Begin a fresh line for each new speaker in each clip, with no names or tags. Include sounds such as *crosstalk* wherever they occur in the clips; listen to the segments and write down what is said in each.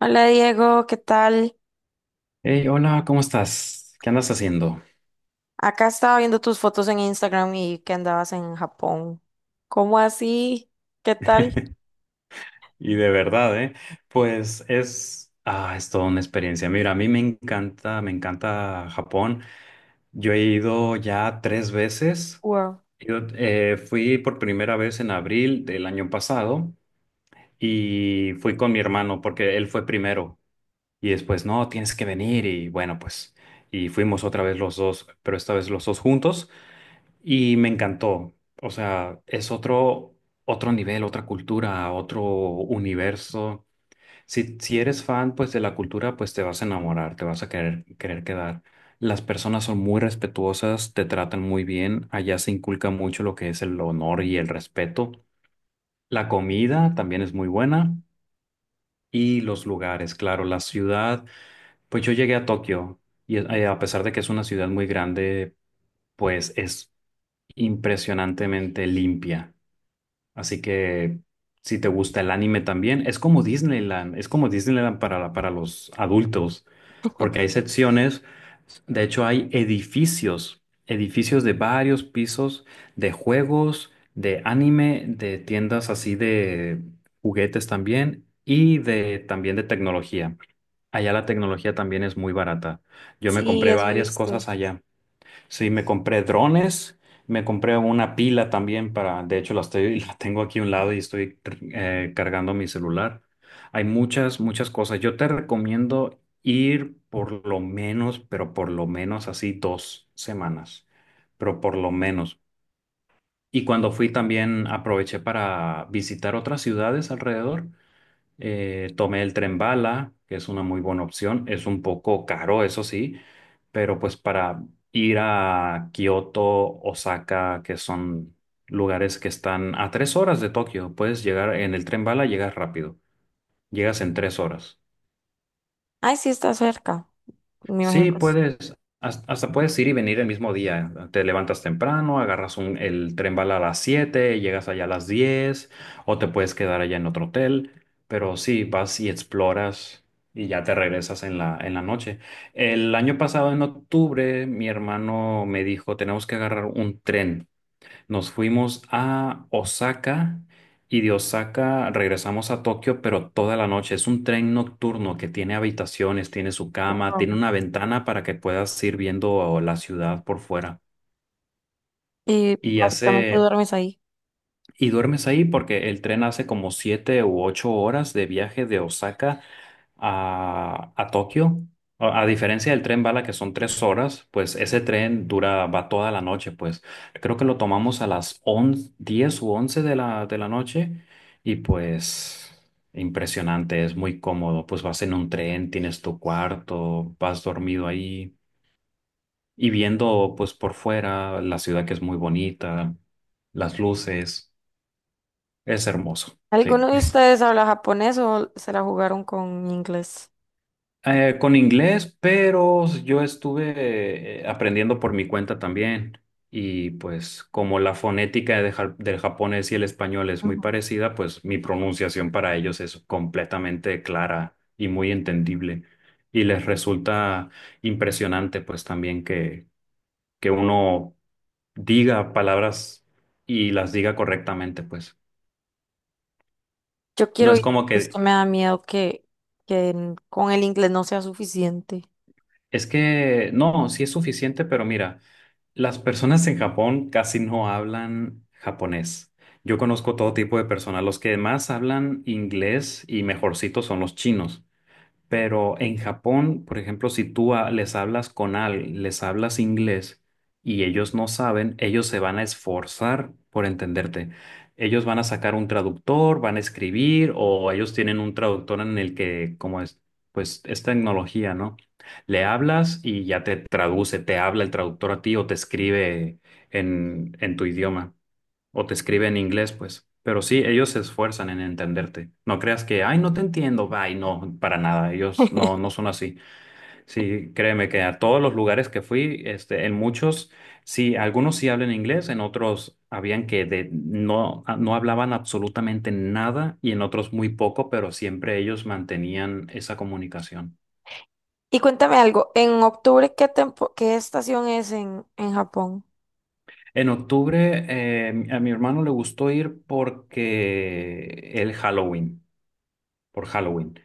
Hola, Diego, ¿qué tal?
Hey, hola, ¿cómo estás? ¿Qué andas haciendo?
Acá estaba viendo tus fotos en Instagram y que andabas en Japón. ¿Cómo así? ¿Qué tal?
Y de verdad, ¿eh? Pues es toda una experiencia. Mira, a mí me encanta Japón. Yo he ido ya tres veces.
Wow.
Yo fui por primera vez en abril del año pasado y fui con mi hermano porque él fue primero. Y después, no, tienes que venir y bueno, pues, y fuimos otra vez los dos, pero esta vez los dos juntos. Y me encantó. O sea, es otro nivel, otra cultura, otro universo. Si eres fan, pues, de la cultura, pues te vas a enamorar, te vas a querer quedar. Las personas son muy respetuosas, te tratan muy bien. Allá se inculca mucho lo que es el honor y el respeto. La comida también es muy buena. Y los lugares, claro, la ciudad. Pues yo llegué a Tokio y a pesar de que es una ciudad muy grande, pues es impresionantemente limpia. Así que si te gusta el anime también, es como Disneyland para los adultos, porque hay secciones, de hecho hay edificios, edificios de varios pisos, de juegos, de anime, de tiendas así de juguetes también y de también de tecnología. Allá la tecnología también es muy barata. Yo me
Sí,
compré
eso he
varias
visto.
cosas allá. Sí, me compré drones, me compré una pila también para, de hecho la estoy, *laughs* la tengo aquí a un lado y estoy cargando mi celular. Hay muchas, muchas cosas. Yo te recomiendo ir por lo menos, pero por lo menos así 2 semanas, pero por lo menos. Y cuando fui también aproveché para visitar otras ciudades alrededor. Tomé el tren bala, que es una muy buena opción. Es un poco caro, eso sí, pero pues para ir a Kioto, Osaka, que son lugares que están a 3 horas de Tokio, puedes llegar en el tren bala, llegas rápido, llegas en 3 horas.
Ay, sí, está cerca. Me imagino
Sí,
que es-
hasta puedes ir y venir el mismo día. Te levantas temprano, agarras el tren bala a las 7, llegas allá a las 10, o te puedes quedar allá en otro hotel, pero sí, vas y exploras y ya te regresas en la noche. El año pasado, en octubre, mi hermano me dijo, tenemos que agarrar un tren. Nos fuimos a Osaka y de Osaka regresamos a Tokio, pero toda la noche. Es un tren nocturno que tiene habitaciones, tiene su cama,
Wow.
tiene una ventana para que puedas ir viendo la ciudad por fuera.
Y
Y
básicamente
hace,
duermes ahí.
y duermes ahí porque el tren hace como 7 u 8 horas de viaje de Osaka a Tokio. A diferencia del tren bala, que son 3 horas, pues ese tren va toda la noche, pues creo que lo tomamos a las 11:10 u 11 de la, noche y pues impresionante, es muy cómodo, pues vas en un tren, tienes tu cuarto, vas dormido ahí y viendo pues por fuera la ciudad que es muy bonita, las luces, es hermoso, sí.
¿Alguno de ustedes habla japonés o se la jugaron con inglés?
Con inglés, pero yo estuve aprendiendo por mi cuenta también. Y pues como la fonética de del japonés y el español es muy
Ujú.
parecida, pues mi pronunciación para ellos es completamente clara y muy entendible. Y les resulta impresionante pues también que uno diga palabras y las diga correctamente pues.
Yo
No
quiero
es
ir,
como
es que
que,
me da miedo que con el inglés no sea suficiente.
es que, no, sí es suficiente, pero mira. Las personas en Japón casi no hablan japonés. Yo conozco todo tipo de personas. Los que más hablan inglés y mejorcitos son los chinos. Pero en Japón, por ejemplo, si tú les hablas con alguien, les hablas inglés y ellos no saben, ellos se van a esforzar por entenderte. Ellos van a sacar un traductor, van a escribir o ellos tienen un traductor en el que, como es, pues es tecnología, ¿no? Le hablas y ya te traduce, te habla el traductor a ti o te escribe en tu idioma o te escribe en inglés, pues. Pero sí, ellos se esfuerzan en entenderte. No creas que, ay, no te entiendo, ay, no, para nada. Ellos no
*laughs*
son así. Sí, créeme que a todos los lugares que fui, este, en muchos, sí, algunos sí hablan inglés, en otros habían que de, no, no hablaban absolutamente nada y en otros muy poco, pero siempre ellos mantenían esa comunicación.
Y cuéntame algo, ¿en octubre qué tempo, qué estación es en Japón?
En octubre, a mi hermano le gustó ir porque el Halloween, por Halloween.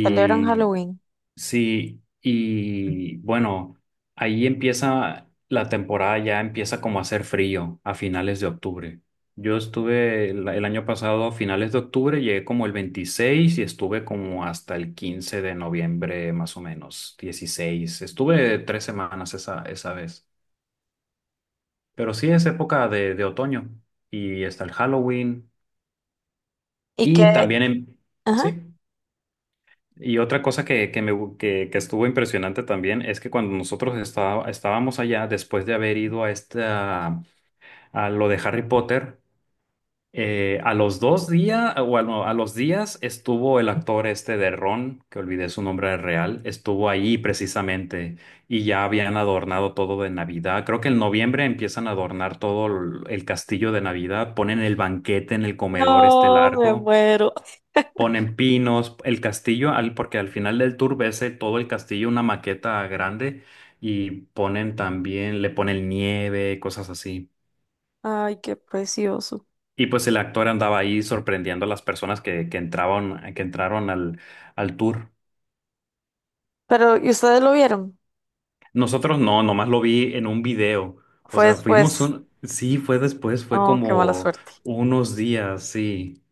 Celebran Halloween.
sí, y bueno, ahí empieza la temporada, ya empieza como a hacer frío a finales de octubre. Yo estuve el año pasado a finales de octubre, llegué como el 26 y estuve como hasta el 15 de noviembre, más o menos, 16. Estuve 3 semanas esa vez. Pero sí es época de otoño y está el Halloween
Y
y
que,
también en.
ajá.
Sí. Y otra cosa que estuvo impresionante también es que cuando nosotros estábamos allá, después de haber ido a, esta, a lo de Harry Potter, a los 2 días, o a los días estuvo el actor este de Ron, que olvidé su nombre real, estuvo ahí precisamente y ya habían adornado todo de Navidad. Creo que en noviembre empiezan a adornar todo el castillo de Navidad, ponen el banquete en el comedor este
No, me
largo.
muero.
Ponen pinos, el castillo, porque al final del tour ves todo el castillo, una maqueta grande, y ponen también, le ponen nieve, cosas así.
Ay, qué precioso.
Y pues el actor andaba ahí sorprendiendo a las personas que entraban, que entraron al, tour.
Pero, ¿y ustedes lo vieron?
Nosotros no, nomás lo vi en un video. O
Fue
sea, fuimos
después.
un, sí, fue después, fue
Oh, qué mala
como
suerte.
unos días, sí.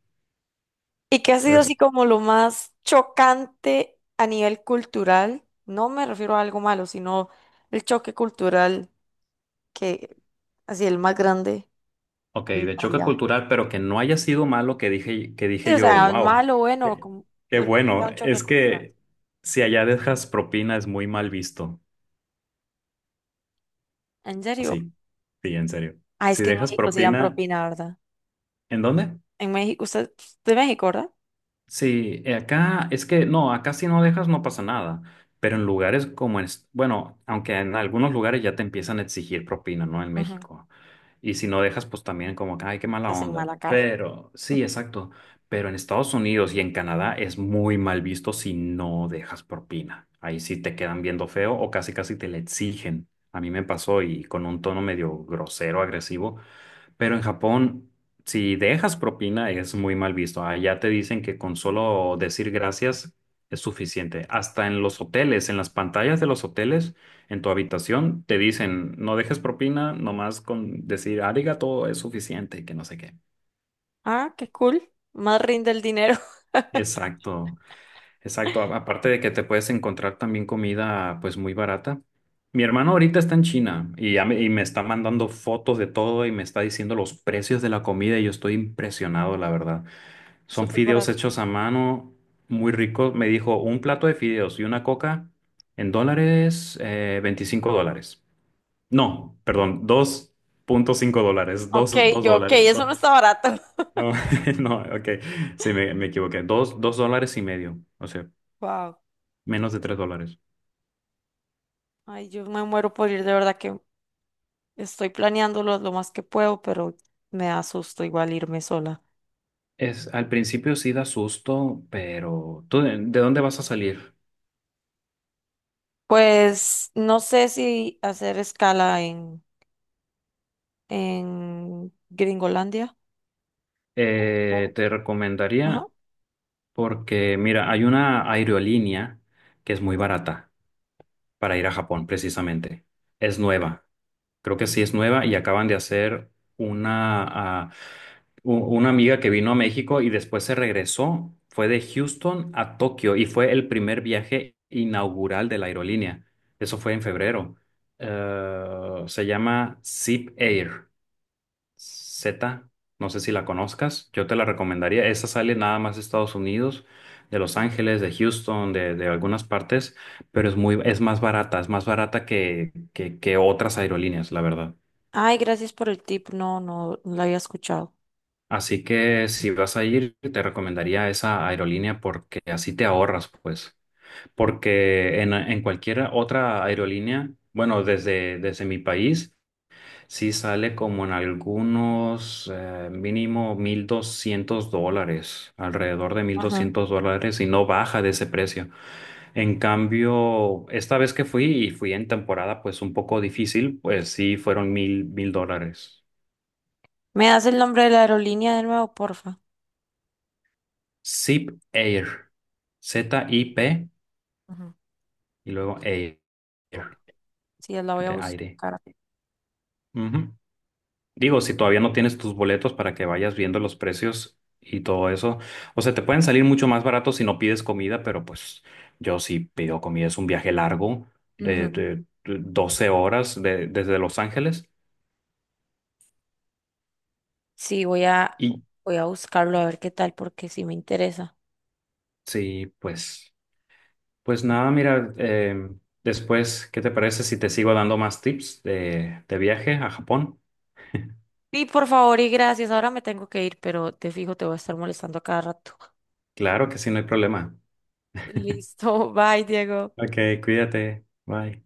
¿Y qué ha sido así como lo más chocante a nivel cultural? No me refiero a algo malo, sino el choque cultural que, así, el más grande.
Ok,
Al-
de choque
allá.
cultural, pero que no haya sido malo que dije, que
Sí,
dije
o
yo,
sea,
wow,
malo, bueno,
qué
como
qué
el-
bueno.
un choque
Es
cultural.
que si allá dejas propina es muy mal visto.
¿En serio?
Así, sí, en serio.
Ah, es
Si
que en
dejas
México sí dan
propina,
propina, ¿verdad?
¿en dónde?
En México, usted es de México, ¿verdad?
Sí, acá es que no, acá si no dejas no pasa nada. Pero en lugares como en, bueno, aunque en algunos lugares ya te empiezan a exigir propina, ¿no? En México. Y si no dejas, pues también como que, ay, qué mala
Te hacen
onda.
mala cara.
Pero, sí,
*laughs*
exacto. Pero en Estados Unidos y en Canadá es muy mal visto si no dejas propina. Ahí sí te quedan viendo feo o casi casi te la exigen. A mí me pasó y con un tono medio grosero, agresivo, pero en Japón, si dejas propina, es muy mal visto. Allá te dicen que con solo decir gracias es suficiente. Hasta en los hoteles, en las pantallas de los hoteles, en tu habitación, te dicen, no dejes propina, nomás con decir arigato es suficiente, y que no sé qué.
Ah, qué cool. Más rinde el dinero. *laughs*
Exacto, exacto. Aparte de que te puedes encontrar también comida pues muy barata. Mi hermano ahorita está en China y me está mandando fotos de todo y me está diciendo los precios de la comida y yo estoy impresionado, la verdad. Son
Súper
fideos
barato.
hechos a mano, muy ricos. Me dijo un plato de fideos y una coca en dólares, $25. No, perdón, $2.5,
Ok,
dos
yo, ok,
dólares.
eso no está barato.
No,
*laughs*
*laughs* no, ok, sí, me equivoqué. Dos dólares y medio, o sea,
Wow.
menos de $3.
Ay, yo me muero por ir, de verdad que estoy planeándolo lo más que puedo, pero me da susto igual irme sola.
Es, al principio sí da susto, pero ¿tú de dónde vas a salir?
Pues no sé si hacer escala en Gringolandia. O-
Te
ajá.
recomendaría, porque mira, hay una aerolínea que es muy barata. Para ir a Japón, precisamente. Es nueva, creo que sí es nueva y acaban de hacer una, ah, una amiga que vino a México y después se regresó, fue de Houston a Tokio y fue el primer viaje inaugural de la aerolínea. Eso fue en febrero. Se llama Zip Air. Z, no sé si la conozcas, yo te la recomendaría. Esa sale nada más de Estados Unidos, de Los Ángeles, de Houston, de algunas partes, pero es es más barata que otras aerolíneas, la verdad.
Ay, gracias por el tip. No, no lo había escuchado.
Así que si vas a ir, te recomendaría esa aerolínea porque así te ahorras, pues. Porque en cualquier otra aerolínea, bueno, desde mi país. Sí, sale como en algunos mínimo $1,200, alrededor de mil
Ajá.
doscientos dólares y no baja de ese precio. En cambio, esta vez que fui y fui en temporada pues un poco difícil, pues sí fueron mil dólares.
¿Me das el nombre de la aerolínea de nuevo, porfa?
Zip Air, ZIP
Ajá.
y luego Air,
Sí, la voy a
de aire.
buscar.
Ujú. Digo, si todavía no tienes tus boletos para que vayas viendo los precios y todo eso, o sea, te pueden salir mucho más baratos si no pides comida, pero pues yo sí pido comida, es un viaje largo de,
Ujú.
de- de 12 horas desde Los Ángeles.
Sí,
Y
voy a buscarlo a ver qué tal, porque sí me interesa.
sí, pues, nada, mira, después, ¿qué te parece si te sigo dando más tips de viaje a Japón?
Sí, por favor y gracias. Ahora me tengo que ir, pero te fijo, te voy a estar molestando a cada rato.
Claro que sí, no hay problema.
*laughs* Listo, bye, Diego.
Ok, cuídate, bye.